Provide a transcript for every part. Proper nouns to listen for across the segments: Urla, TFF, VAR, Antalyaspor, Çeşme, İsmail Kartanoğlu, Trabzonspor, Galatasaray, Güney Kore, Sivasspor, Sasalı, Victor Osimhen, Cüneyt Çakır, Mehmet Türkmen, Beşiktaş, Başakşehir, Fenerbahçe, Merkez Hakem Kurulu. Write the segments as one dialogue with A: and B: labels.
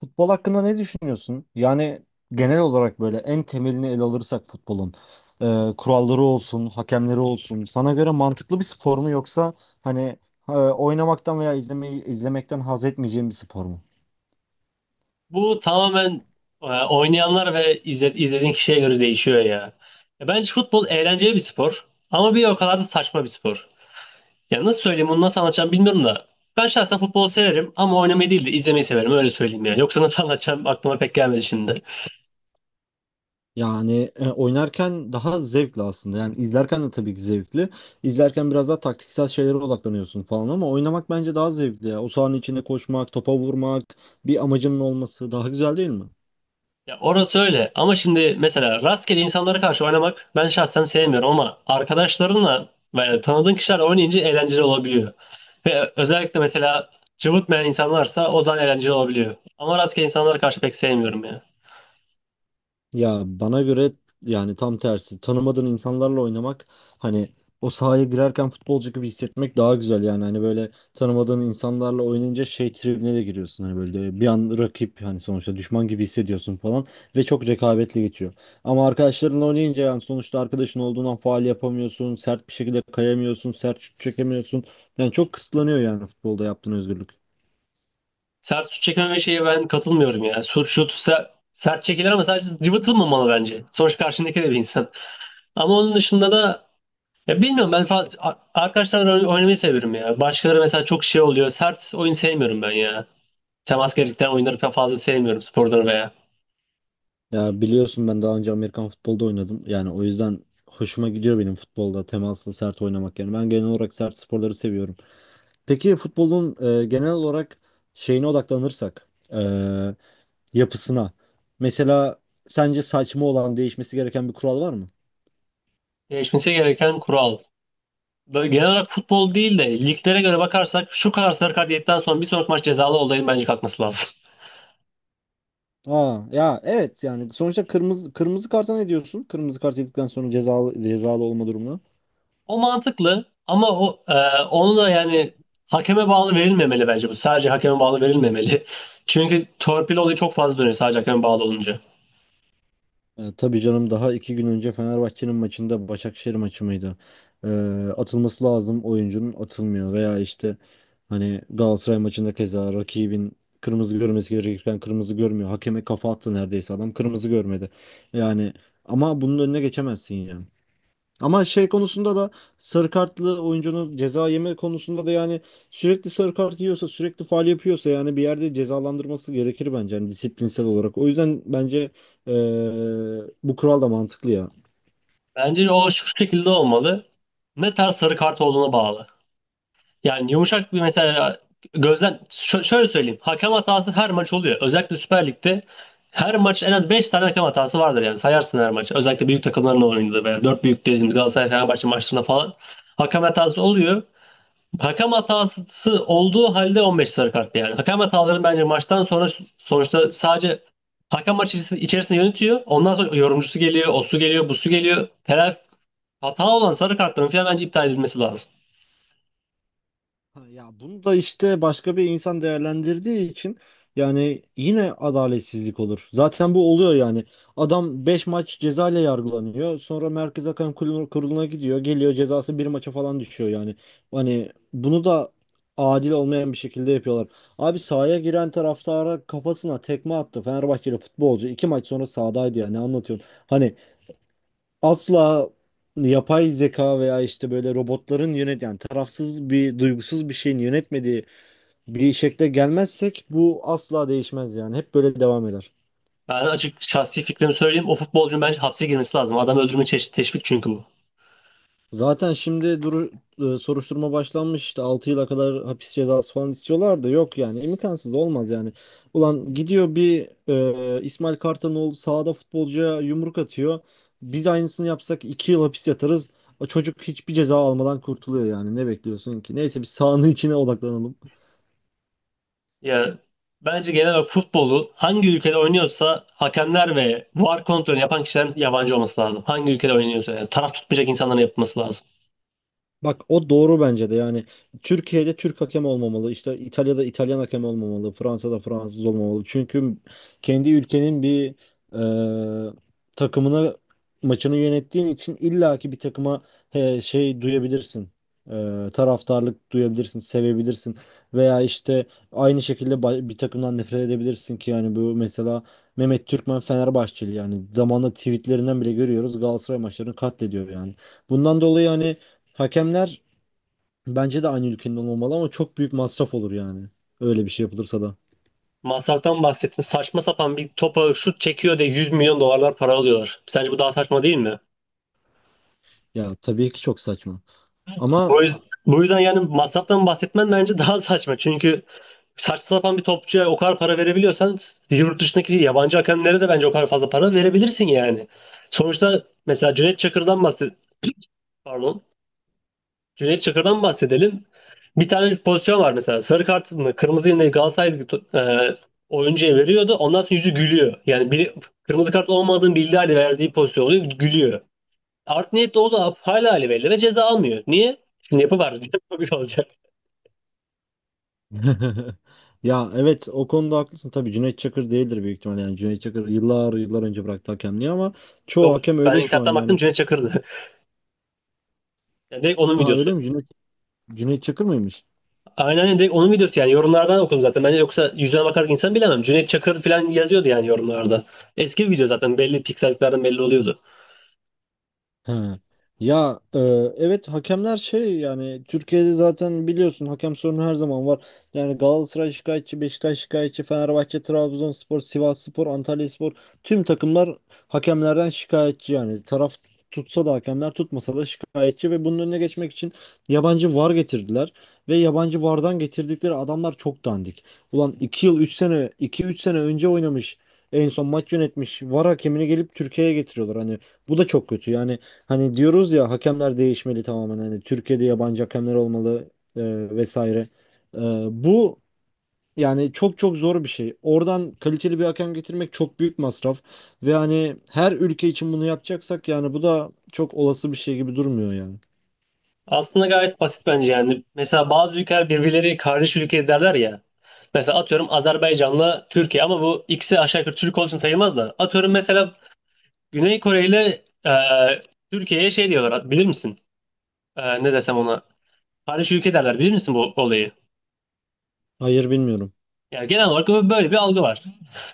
A: Futbol hakkında ne düşünüyorsun? Yani genel olarak böyle en temelini ele alırsak futbolun kuralları olsun, hakemleri olsun. Sana göre mantıklı bir spor mu, yoksa hani oynamaktan veya izlemekten haz etmeyeceğim bir spor mu?
B: Bu tamamen oynayanlar ve izlediğin kişiye göre değişiyor ya. Bence futbol eğlenceli bir spor ama bir o kadar da saçma bir spor. Ya nasıl söyleyeyim bunu nasıl anlatacağım bilmiyorum da. Ben şahsen futbolu severim ama oynamayı değil de izlemeyi severim öyle söyleyeyim ya. Yoksa nasıl anlatacağım aklıma pek gelmedi şimdi.
A: Yani oynarken daha zevkli aslında. Yani izlerken de tabii ki zevkli. İzlerken biraz daha taktiksel şeylere odaklanıyorsun falan, ama oynamak bence daha zevkli, ya. O sahanın içinde koşmak, topa vurmak, bir amacının olması daha güzel değil mi?
B: Ya orası öyle ama şimdi mesela rastgele insanlara karşı oynamak ben şahsen sevmiyorum ama arkadaşlarınla ve tanıdığın kişilerle oynayınca eğlenceli olabiliyor. Ve özellikle mesela cıvıtmayan insanlarsa o zaman eğlenceli olabiliyor. Ama rastgele insanlara karşı pek sevmiyorum ya.
A: Ya bana göre yani tam tersi. Tanımadığın insanlarla oynamak, hani o sahaya girerken futbolcu gibi hissetmek daha güzel yani. Hani böyle tanımadığın insanlarla oynayınca şey tribine de giriyorsun. Hani böyle bir an rakip, hani sonuçta düşman gibi hissediyorsun falan ve çok rekabetli geçiyor. Ama arkadaşlarınla oynayınca yani sonuçta arkadaşın olduğundan faal yapamıyorsun, sert bir şekilde kayamıyorsun, sert şut çekemiyorsun. Yani çok kısıtlanıyor yani futbolda yaptığın özgürlük.
B: Sert şut çekmeme şeye ben katılmıyorum ya. Sert çekilir ama sadece cıvıtılmamalı bence. Sonuçta karşındaki de bir insan. Ama onun dışında da ya bilmiyorum ben arkadaşlarla oynamayı seviyorum ya. Başkaları mesela çok şey oluyor. Sert oyun sevmiyorum ben ya. Temas gerektiren oyunları pek fazla sevmiyorum sporları veya.
A: Ya biliyorsun, ben daha önce Amerikan futbolda oynadım. Yani o yüzden hoşuma gidiyor benim futbolda temaslı sert oynamak. Yani ben genel olarak sert sporları seviyorum. Peki futbolun genel olarak şeyine odaklanırsak, yapısına. Mesela sence saçma olan, değişmesi gereken bir kural var mı?
B: Değişmesi gereken kural. Böyle genel olarak futbol değil de liglere göre bakarsak şu kadar sarı kart yedikten sonra bir sonraki maç cezalı olayın bence kalkması lazım.
A: Aa, ya evet, yani sonuçta kırmızı karta ne diyorsun? Kırmızı kart yedikten sonra cezalı olma durumu.
B: O mantıklı ama o onu da yani hakeme bağlı verilmemeli bence bu. Sadece hakeme bağlı verilmemeli. Çünkü torpil olayı çok fazla dönüyor sadece hakeme bağlı olunca.
A: E, tabii canım, daha iki gün önce Fenerbahçe'nin maçında, Başakşehir maçı mıydı? E, atılması lazım oyuncunun, atılmıyor; veya işte hani Galatasaray maçında keza rakibin kırmızı görmesi gerekirken kırmızı görmüyor. Hakeme kafa attı neredeyse adam, kırmızı görmedi. Yani ama bunun önüne geçemezsin ya. Ama şey konusunda da, sarı kartlı oyuncunun ceza yeme konusunda da yani, sürekli sarı kart yiyorsa, sürekli faul yapıyorsa yani bir yerde cezalandırması gerekir bence, yani disiplinsel olarak. O yüzden bence eee, bu kural da mantıklı ya.
B: Bence o şu şekilde olmalı. Ne tarz sarı kart olduğuna bağlı. Yani yumuşak bir mesela gözlem şöyle söyleyeyim. Hakem hatası her maç oluyor. Özellikle Süper Lig'de her maç en az 5 tane hakem hatası vardır yani. Sayarsın her maç. Özellikle büyük takımların oynadığı veya 4 büyük dediğimiz Galatasaray Fenerbahçe maçlarında falan hakem hatası oluyor. Hakem hatası olduğu halde 15 sarı kart yani. Hakem hataları bence maçtan sonra sonuçta sadece hakem maç içerisinde yönetiyor. Ondan sonra yorumcusu geliyor, o su geliyor, bu su geliyor. Telafi hata olan sarı kartların falan bence iptal edilmesi lazım.
A: Ha, ya bunu da işte başka bir insan değerlendirdiği için yani yine adaletsizlik olur. Zaten bu oluyor yani. Adam 5 maç ceza ile yargılanıyor. Sonra Merkez Hakem Kurulu'na gidiyor. Geliyor cezası bir maça falan düşüyor yani. Hani bunu da adil olmayan bir şekilde yapıyorlar. Abi sahaya giren taraftara, kafasına tekme attı. Fenerbahçeli futbolcu 2 maç sonra sahadaydı ya. Ne anlatıyorsun? Hani asla yapay zeka veya işte böyle robotların yani tarafsız bir, duygusuz bir şeyin yönetmediği bir şekle gelmezsek bu asla değişmez yani. Hep böyle devam eder.
B: Ben açık şahsi fikrimi söyleyeyim. O futbolcunun bence hapse girmesi lazım. Adam öldürme çeşit teşvik çünkü bu.
A: Zaten şimdi soruşturma başlanmış, işte 6 yıla kadar hapis cezası falan istiyorlar da, yok yani, imkansız olmaz yani. Ulan gidiyor bir İsmail Kartanoğlu sahada futbolcuya yumruk atıyor. Biz aynısını yapsak 2 yıl hapis yatarız. O çocuk hiçbir ceza almadan kurtuluyor, yani ne bekliyorsun ki? Neyse, bir sahanın içine odaklanalım.
B: Ya bence genel olarak futbolu hangi ülkede oynuyorsa hakemler ve VAR kontrolünü yapan kişilerin yabancı olması lazım. Hangi ülkede oynuyorsa yani taraf tutmayacak insanların yapması lazım.
A: Bak, o doğru bence de. Yani Türkiye'de Türk hakem olmamalı, işte İtalya'da İtalyan hakem olmamalı, Fransa'da Fransız olmamalı. Çünkü kendi ülkenin bir e, takımına maçını yönettiğin için illaki bir takıma he, şey duyabilirsin. Taraftarlık duyabilirsin, sevebilirsin, veya işte aynı şekilde bir takımdan nefret edebilirsin ki, yani bu mesela Mehmet Türkmen Fenerbahçeli, yani zamanla tweetlerinden bile görüyoruz, Galatasaray maçlarını katlediyor yani. Bundan dolayı hani hakemler bence de aynı ülkenin olmalı, ama çok büyük masraf olur yani. Öyle bir şey yapılırsa da.
B: Masraftan bahsettin. Saçma sapan bir topa şut çekiyor diye 100 milyon dolarlar para alıyorlar. Sence bu daha saçma değil mi?
A: Ya tabii ki çok saçma. Ama
B: Bu yüzden, bu yüzden yani masraftan bahsetmen bence daha saçma. Çünkü saçma sapan bir topçuya o kadar para verebiliyorsan yurt dışındaki yabancı hakemlere de bence o kadar fazla para verebilirsin yani. Sonuçta mesela Cüneyt Çakır'dan bahset pardon. Cüneyt Çakır'dan bahsedelim. Bir tane pozisyon var mesela. Sarı kart mı kırmızı yine Galatasaray e, oyuncuya veriyordu. Ondan sonra yüzü gülüyor. Yani bir, kırmızı kart olmadığını bildiği halde verdiği pozisyon oluyor. Gülüyor. Art niyetli o da hala hali belli ve ceza almıyor. Niye? Şimdi yapı var. Yapı bir olacak.
A: ya evet, o konuda haklısın. Tabii Cüneyt Çakır değildir büyük ihtimalle. Yani Cüneyt Çakır yıllar yıllar önce bıraktı hakemliği, ama çoğu
B: Yok,
A: hakem
B: ben
A: öyle şu an
B: internetten baktım
A: yani.
B: Cüneyt Çakır'dı. Yani direkt onun
A: Aa,
B: videosu.
A: öyle mi? Cüneyt Çakır mıymış?
B: Aynen öyle. Direkt onun videosu yani yorumlardan okudum zaten. Bence yoksa yüzüne bakarak insan bilemem. Cüneyt Çakır falan yazıyordu yani yorumlarda. Eski bir video zaten belli pikselliklerden belli oluyordu.
A: He. Ya, evet hakemler şey, yani Türkiye'de zaten biliyorsun, hakem sorunu her zaman var. Yani Galatasaray şikayetçi, Beşiktaş şikayetçi, Fenerbahçe, Trabzonspor, Sivasspor, Antalyaspor, tüm takımlar hakemlerden şikayetçi yani. Taraf tutsa da hakemler, tutmasa da şikayetçi; ve bunun önüne geçmek için yabancı VAR getirdiler, ve yabancı VAR'dan getirdikleri adamlar çok dandik. Ulan, iki üç sene önce oynamış, en son maç yönetmiş VAR hakemini gelip Türkiye'ye getiriyorlar, hani bu da çok kötü yani. Hani diyoruz ya, hakemler değişmeli tamamen. Hani Türkiye'de yabancı hakemler olmalı, e, vesaire. E, bu yani çok çok zor bir şey. Oradan kaliteli bir hakem getirmek çok büyük masraf. Ve hani her ülke için bunu yapacaksak, yani bu da çok olası bir şey gibi durmuyor yani.
B: Aslında gayet basit bence yani. Mesela bazı ülkeler birbirleri kardeş ülke derler ya. Mesela atıyorum Azerbaycan'la Türkiye ama bu ikisi aşağı yukarı Türk olduğu için sayılmaz da. Atıyorum mesela Güney Kore ile Türkiye'ye şey diyorlar bilir misin? Ne desem ona? Kardeş ülke derler bilir misin bu olayı?
A: Hayır, bilmiyorum.
B: Yani genel olarak böyle bir algı var.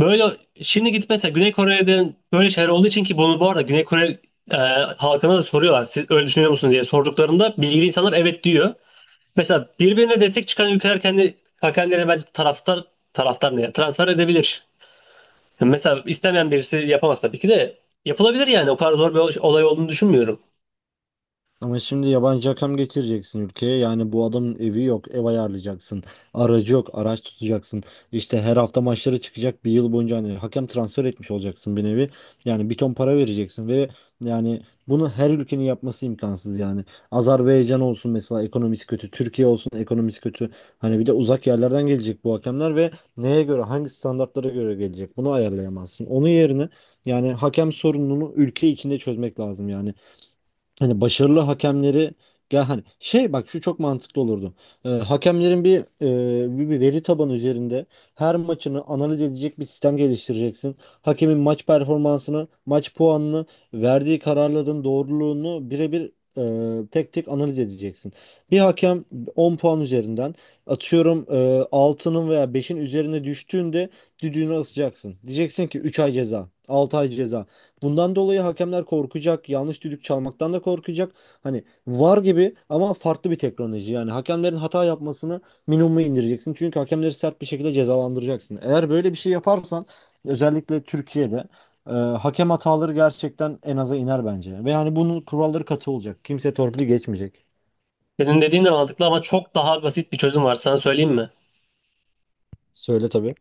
B: Böyle şimdi gidip mesela Güney Kore'den böyle şeyler olduğu için ki bunu bu arada Güney Kore e, halkına da soruyorlar. Siz öyle düşünüyor musunuz diye sorduklarında bilgili insanlar evet diyor. Mesela birbirine destek çıkan ülkeler kendi kendilerine bence taraftar taraftar ne ya? Transfer edebilir. Yani mesela istemeyen birisi yapamaz tabii ki de yapılabilir yani. O kadar zor bir olay olduğunu düşünmüyorum.
A: Ama şimdi yabancı hakem getireceksin ülkeye. Yani bu adamın evi yok, ev ayarlayacaksın. Aracı yok, araç tutacaksın. İşte her hafta maçlara çıkacak bir yıl boyunca, hani hakem transfer etmiş olacaksın bir nevi. Yani bir ton para vereceksin, ve yani bunu her ülkenin yapması imkansız yani. Azerbaycan olsun mesela, ekonomisi kötü; Türkiye olsun, ekonomisi kötü. Hani bir de uzak yerlerden gelecek bu hakemler, ve neye göre, hangi standartlara göre gelecek? Bunu ayarlayamazsın. Onun yerine yani hakem sorununu ülke içinde çözmek lazım yani. Hani başarılı hakemleri, ya hani şey, bak şu çok mantıklı olurdu. Hakemlerin bir, e, bir bir veri tabanı üzerinde her maçını analiz edecek bir sistem geliştireceksin. Hakemin maç performansını, maç puanını, verdiği kararların doğruluğunu birebir, tek tek analiz edeceksin. Bir hakem 10 puan üzerinden atıyorum 6'nın veya beşin üzerine düştüğünde düdüğünü asacaksın. Diyeceksin ki 3 ay ceza, 6 ay ceza. Bundan dolayı hakemler korkacak, yanlış düdük çalmaktan da korkacak. Hani VAR gibi, ama farklı bir teknoloji. Yani hakemlerin hata yapmasını minimuma indireceksin. Çünkü hakemleri sert bir şekilde cezalandıracaksın. Eğer böyle bir şey yaparsan, özellikle Türkiye'de hakem hataları gerçekten en aza iner bence. Ve yani bunun kuralları katı olacak. Kimse torpili geçmeyecek.
B: Senin dediğin de mantıklı ama çok daha basit bir çözüm var. Sana söyleyeyim mi?
A: Söyle tabii.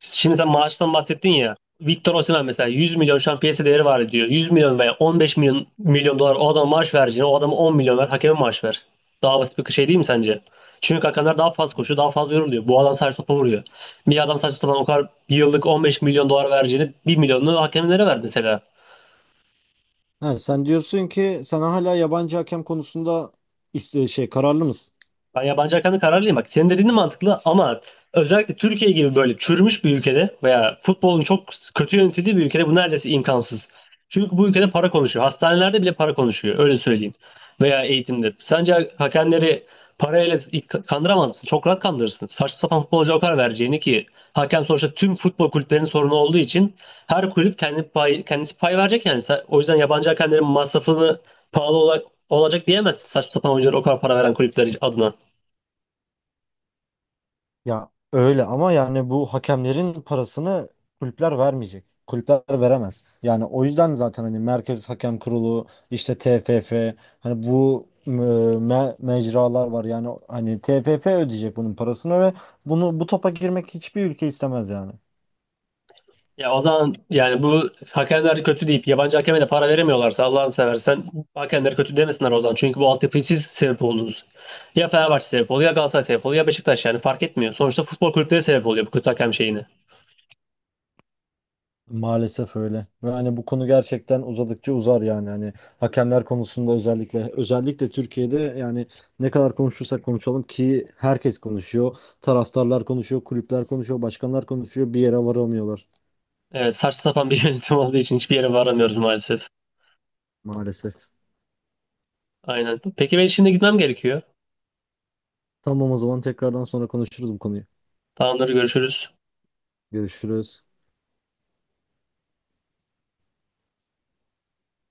B: Şimdi sen maaştan bahsettin ya. Victor Osimhen mesela 100 milyon şu an piyasa değeri var diyor. 100 milyon veya 15 milyon dolar o adama maaş vereceğine o adama 10 milyon ver hakeme maaş ver. Daha basit bir şey değil mi sence? Çünkü hakemler daha fazla koşuyor, daha fazla yoruluyor. Bu adam sadece topa vuruyor. Bir adam saçma sapan o kadar yıllık 15 milyon dolar vereceğini 1 milyonunu hakemlere ver mesela.
A: Ha, sen diyorsun ki, sen hala yabancı hakem konusunda şey, kararlı mısın?
B: Ben yabancı hakkında kararlıyım. Bak senin dediğin de mantıklı ama özellikle Türkiye gibi böyle çürümüş bir ülkede veya futbolun çok kötü yönetildiği bir ülkede bu neredeyse imkansız. Çünkü bu ülkede para konuşuyor. Hastanelerde bile para konuşuyor. Öyle söyleyeyim. Veya eğitimde. Sence hakemleri parayla kandıramaz mısın? Çok rahat kandırırsın. Saçma sapan futbolcuya o kadar vereceğini ki hakem sonuçta tüm futbol kulüplerinin sorunu olduğu için her kulüp kendi pay, kendisi pay verecek yani. O yüzden yabancı hakemlerin masrafını pahalı olarak olacak diyemezsin saçma sapan oyunculara o kadar para veren kulüpler adına.
A: Ya öyle, ama yani bu hakemlerin parasını kulüpler vermeyecek. Kulüpler veremez. Yani o yüzden zaten hani Merkez Hakem Kurulu, işte TFF, hani bu mecralar var. Yani hani TFF ödeyecek bunun parasını, ve bunu, bu topa girmek hiçbir ülke istemez yani.
B: Ya o zaman yani bu hakemler kötü deyip yabancı hakeme de para veremiyorlarsa Allah'ını seversen hakemleri kötü demesinler o zaman. Çünkü bu altyapıyı siz sebep oldunuz. Ya Fenerbahçe sebep oluyor, ya Galatasaray sebep oluyor, ya Beşiktaş yani fark etmiyor. Sonuçta futbol kulüpleri sebep oluyor bu kötü hakem şeyini.
A: Maalesef öyle. Ve hani bu konu gerçekten uzadıkça uzar yani. Hani hakemler konusunda özellikle Türkiye'de yani, ne kadar konuşursak konuşalım ki herkes konuşuyor. Taraftarlar konuşuyor, kulüpler konuşuyor, başkanlar konuşuyor. Bir yere varamıyorlar
B: Evet, saçma sapan bir yönetim olduğu için hiçbir yere varamıyoruz maalesef.
A: maalesef.
B: Aynen. Peki ben şimdi gitmem gerekiyor.
A: Tamam, o zaman tekrardan sonra konuşuruz bu konuyu.
B: Tamamdır, görüşürüz.
A: Görüşürüz.